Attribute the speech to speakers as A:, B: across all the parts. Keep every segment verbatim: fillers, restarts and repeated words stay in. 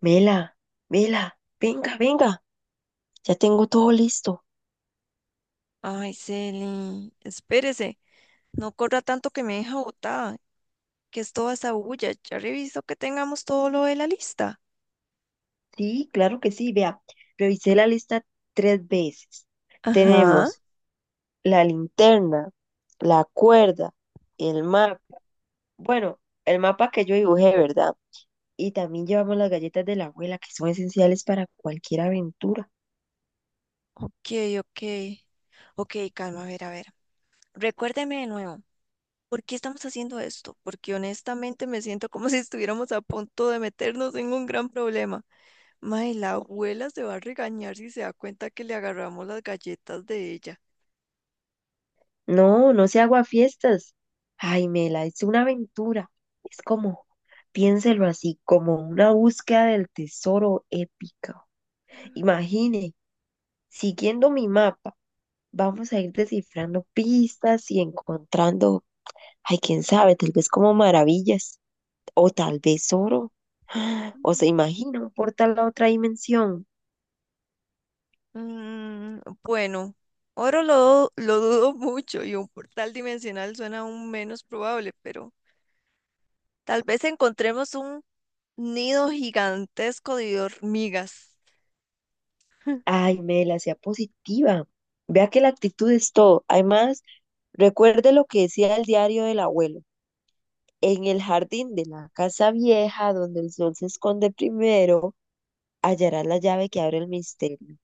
A: Mela, Mela, venga, venga, ya tengo todo listo.
B: Ay, Celi, espérese, no corra tanto que me deja botada, que es toda esa bulla. Ya reviso que tengamos todo lo de la lista.
A: Sí, claro que sí, vea, revisé la lista tres veces.
B: Ajá.
A: Tenemos la linterna, la cuerda, el mapa, bueno, el mapa que yo dibujé, ¿verdad? Y también llevamos las galletas de la abuela, que son esenciales para cualquier aventura.
B: Ok, ok. Ok, calma, a ver, a ver. Recuérdeme de nuevo, ¿por qué estamos haciendo esto? Porque honestamente me siento como si estuviéramos a punto de meternos en un gran problema. Mae, la abuela se va a regañar si se da cuenta que le agarramos las galletas de ella.
A: No, no se hago fiestas. Ay, Mela, es una aventura. Es como, piénselo así, como una búsqueda del tesoro épica. Imagine, siguiendo mi mapa, vamos a ir descifrando pistas y encontrando, ay, quién sabe, tal vez como maravillas o tal vez oro. O se
B: Mm.
A: imagina un portal a otra dimensión.
B: Mm, bueno, oro lo, lo dudo mucho y un portal dimensional suena aún menos probable, pero tal vez encontremos un nido gigantesco de hormigas.
A: Ay, Mela, sea positiva. Vea que la actitud es todo. Además, recuerde lo que decía el diario del abuelo. En el jardín de la casa vieja, donde el sol se esconde primero, hallarás la llave que abre el misterio.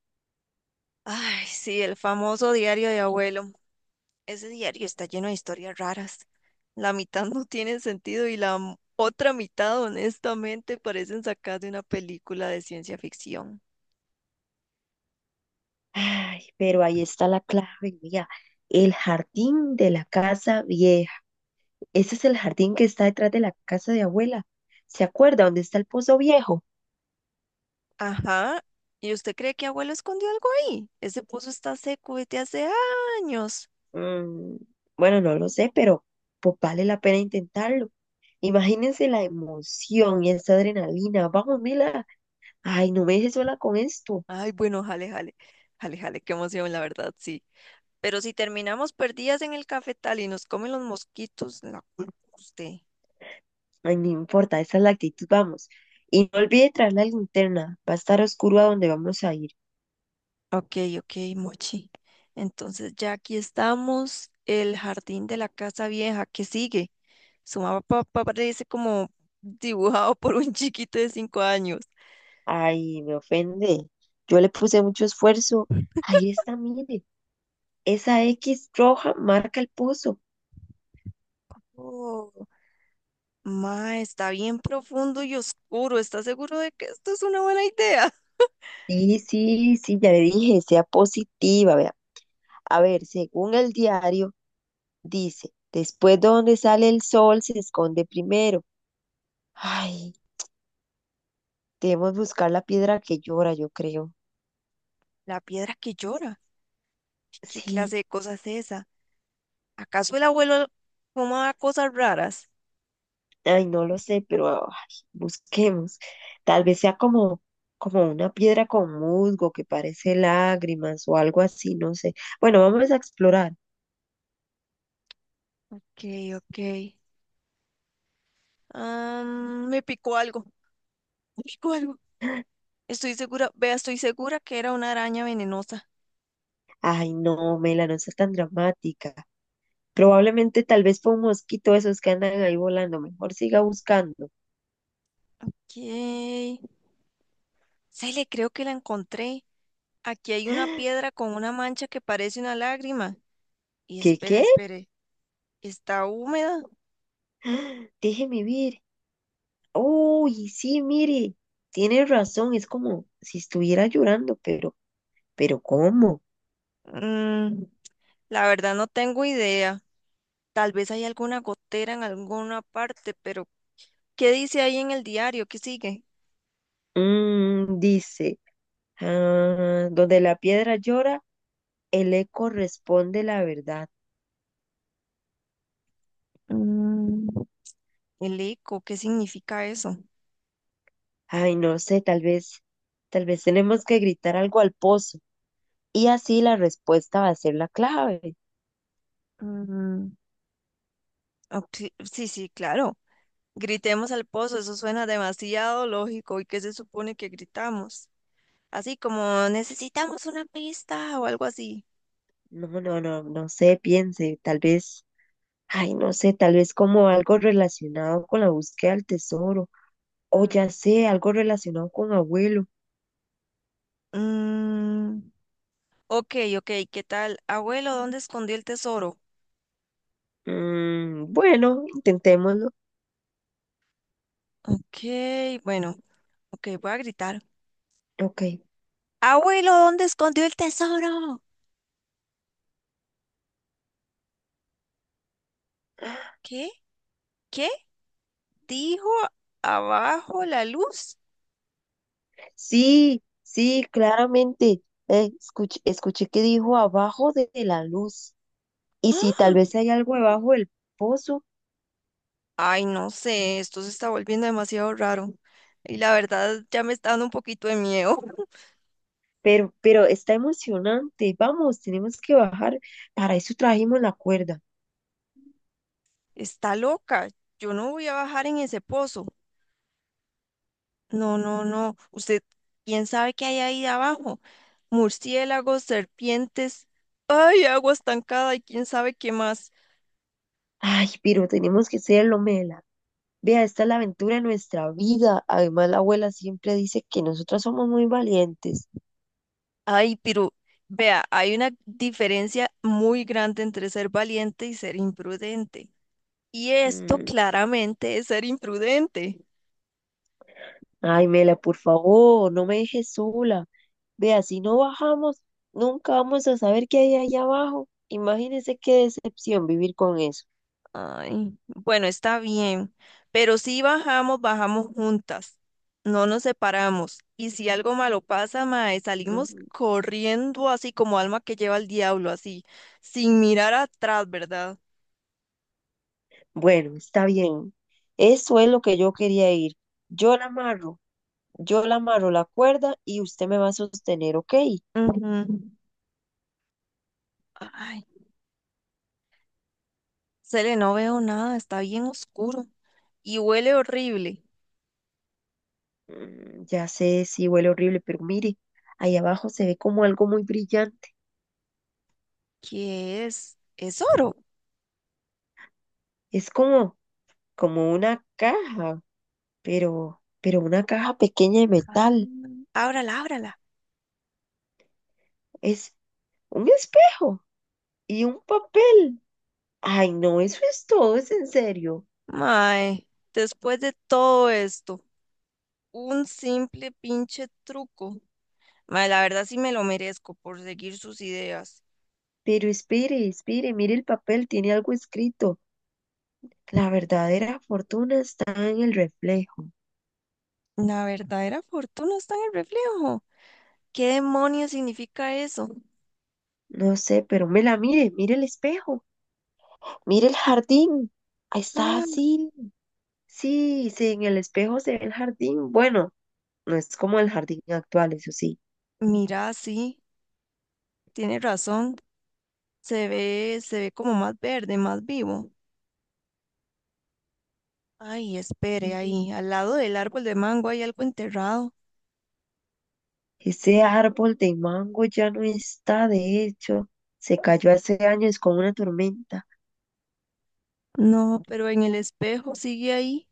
B: Ay, sí, el famoso diario de abuelo. Ese diario está lleno de historias raras. La mitad no tiene sentido y la m- otra mitad, honestamente, parecen sacadas de una película de ciencia ficción.
A: Ay, pero ahí está la clave, mira, el jardín de la casa vieja. Ese es el jardín que está detrás de la casa de abuela. ¿Se acuerda dónde está el pozo viejo?
B: Ajá. ¿Y usted cree que abuelo escondió algo ahí? Ese pozo está seco desde hace años.
A: Mm, bueno, no lo sé, pero pues vale la pena intentarlo. Imagínense la emoción y esa adrenalina. Vamos, Mila. Ay, no me dejes sola con esto.
B: Ay, bueno, jale, jale. Jale, jale, qué emoción, la verdad, sí. Pero si terminamos perdidas en el cafetal y nos comen los mosquitos, la culpa es usted.
A: Ay, no importa, esa es la actitud, vamos. Y no olvide traer la linterna, va a estar oscuro a donde vamos a ir.
B: Ok, ok, Mochi. Entonces ya aquí estamos, el jardín de la casa vieja, ¿qué sigue? Su mapa parece como dibujado por un chiquito de cinco años.
A: Ay, me ofende. Yo le puse mucho esfuerzo. Ahí está, mire. Esa X roja marca el pozo.
B: Oh, ma, está bien profundo y oscuro. ¿Estás seguro de que esto es una buena idea?
A: Sí, sí, sí, ya le dije, sea positiva, vea. A ver, según el diario, dice, después de donde sale el sol se esconde primero. Ay, debemos buscar la piedra que llora, yo creo.
B: La piedra que llora. ¿Qué
A: Sí.
B: clase de cosa es esa? ¿Acaso el abuelo fumaba cosas raras?
A: Ay, no lo sé, pero ay, busquemos. Tal vez sea como, como una piedra con musgo que parece lágrimas o algo así, no sé. Bueno, vamos a explorar.
B: Ok, ok. Am, me picó algo, me picó algo. Estoy segura, vea, estoy segura que era una araña venenosa.
A: Ay, no, Mela, no seas tan dramática. Probablemente tal vez fue un mosquito esos que andan ahí volando. Mejor siga buscando.
B: ¿Qué? Se le creo que la encontré. Aquí hay una piedra con una mancha que parece una lágrima. Y
A: ¿Qué,
B: espere,
A: qué?
B: espere, ¿está húmeda?
A: ¡Ah! Déjeme ver. Uy, sí, mire. Tiene razón, es como si estuviera llorando, pero, pero ¿cómo?
B: Mm, la verdad no tengo idea. Tal vez hay alguna gotera en alguna parte, pero ¿qué dice ahí en el diario? ¿Qué sigue?
A: Mm, dice. Ah, donde la piedra llora, el eco responde la verdad.
B: Mm, el eco, ¿qué significa eso?
A: Ay, no sé, tal vez, tal vez tenemos que gritar algo al pozo y así la respuesta va a ser la clave.
B: Mm, ok, sí, sí, claro. Gritemos al pozo, eso suena demasiado lógico. ¿Y qué se supone que gritamos? Así como necesitamos una pista o algo así.
A: No, no, no, no sé, piense, tal vez, ay, no sé, tal vez como algo relacionado con la búsqueda del tesoro o
B: Mm,
A: ya sé, algo relacionado con abuelo.
B: mm, ok, ok, ¿qué tal? Abuelo, ¿dónde escondió el tesoro?
A: Mm, bueno, intentémoslo.
B: Ok, bueno, ok, voy a gritar.
A: Ok.
B: Abuelo, ¿dónde escondió el tesoro? ¿Qué? ¿Qué? ¿Dijo abajo la luz?
A: Sí, sí, claramente. Eh, escuch- escuché que dijo abajo de, de la luz. Y sí,
B: ¡Ah!
A: tal vez hay algo debajo del pozo,
B: Ay, no sé, esto se está volviendo demasiado raro. Y la verdad ya me está dando un poquito de miedo.
A: pero, pero está emocionante. Vamos, tenemos que bajar. Para eso trajimos la cuerda.
B: Está loca. Yo no voy a bajar en ese pozo. No, no, no. Usted, ¿quién sabe qué hay ahí abajo? Murciélagos, serpientes. Ay, agua estancada y quién sabe qué más.
A: Ay, pero tenemos que hacerlo, Mela. Vea, esta es la aventura de nuestra vida. Además, la abuela siempre dice que nosotras somos muy valientes.
B: Ay, pero vea, hay una diferencia muy grande entre ser valiente y ser imprudente. Y esto
A: Mm,
B: claramente es ser imprudente.
A: Ay, Mela, por favor, no me dejes sola. Vea, si no bajamos, nunca vamos a saber qué hay allá abajo. Imagínese qué decepción vivir con eso.
B: Ay, bueno, está bien, pero si bajamos, bajamos juntas, no nos separamos. Y si algo malo pasa, mae, salimos
A: Ujú.
B: corriendo así como alma que lleva el diablo, así, sin mirar atrás, ¿verdad?
A: Bueno, está bien. Eso es lo que yo quería ir. Yo la amarro, yo la amarro la cuerda y usted me va a sostener, ¿ok?
B: Ujú. Ay, Cele, no veo nada, está bien oscuro y huele horrible.
A: "Mm, ya sé, sí huele horrible, pero mire, ahí abajo se ve como algo muy brillante.
B: ¿Qué es? Es oro.
A: Es como, como una caja, pero, pero una caja pequeña de metal.
B: Ábrala, ábrala.
A: Es un espejo y un papel. Ay, no, eso es todo, es en serio.
B: Mae, después de todo esto, un simple pinche truco. Mae, la verdad sí me lo merezco por seguir sus ideas.
A: Pero espere, espere, mire el papel, tiene algo escrito. La verdadera fortuna está en el reflejo.
B: La verdadera fortuna está en el reflejo. ¿Qué demonios significa eso?
A: No sé, pero me la mire, mire el espejo, mire el jardín. Ahí está,
B: Ah,
A: sí, sí, sí, en el espejo se ve el jardín. Bueno, no es como el jardín actual, eso sí.
B: mira, sí, tiene razón. Se ve, se ve como más verde, más vivo. Ay, espere, ahí, al lado del árbol de mango hay algo enterrado.
A: Ese árbol de mango ya no está, de hecho, se cayó hace años con una tormenta.
B: No, pero en el espejo sigue ahí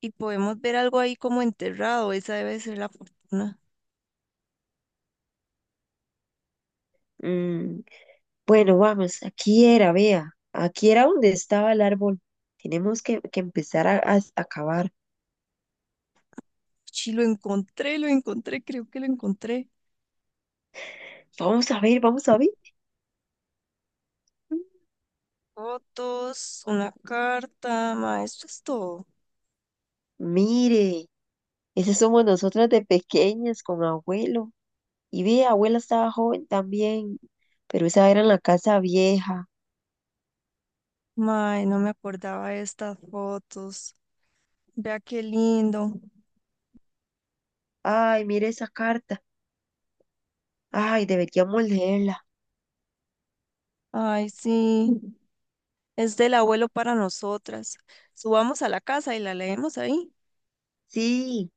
B: y podemos ver algo ahí como enterrado. Esa debe ser la fortuna.
A: Mm, bueno, vamos, aquí era, vea, aquí era donde estaba el árbol. Tenemos que, que empezar a, a- a cavar.
B: Sí, lo encontré, lo encontré, creo que lo encontré.
A: Vamos a ver, vamos a ver.
B: Fotos, una carta, ma, esto es todo.
A: Mire, esas somos nosotras de pequeñas con abuelo. Y vea, abuela estaba joven también, pero esa era en la casa vieja.
B: Ma, no me acordaba de estas fotos. Vea qué lindo.
A: Ay, mire esa carta. Ay, deberíamos leerla.
B: Ay, sí, es del abuelo para nosotras. Subamos a la casa y la leemos ahí.
A: Sí.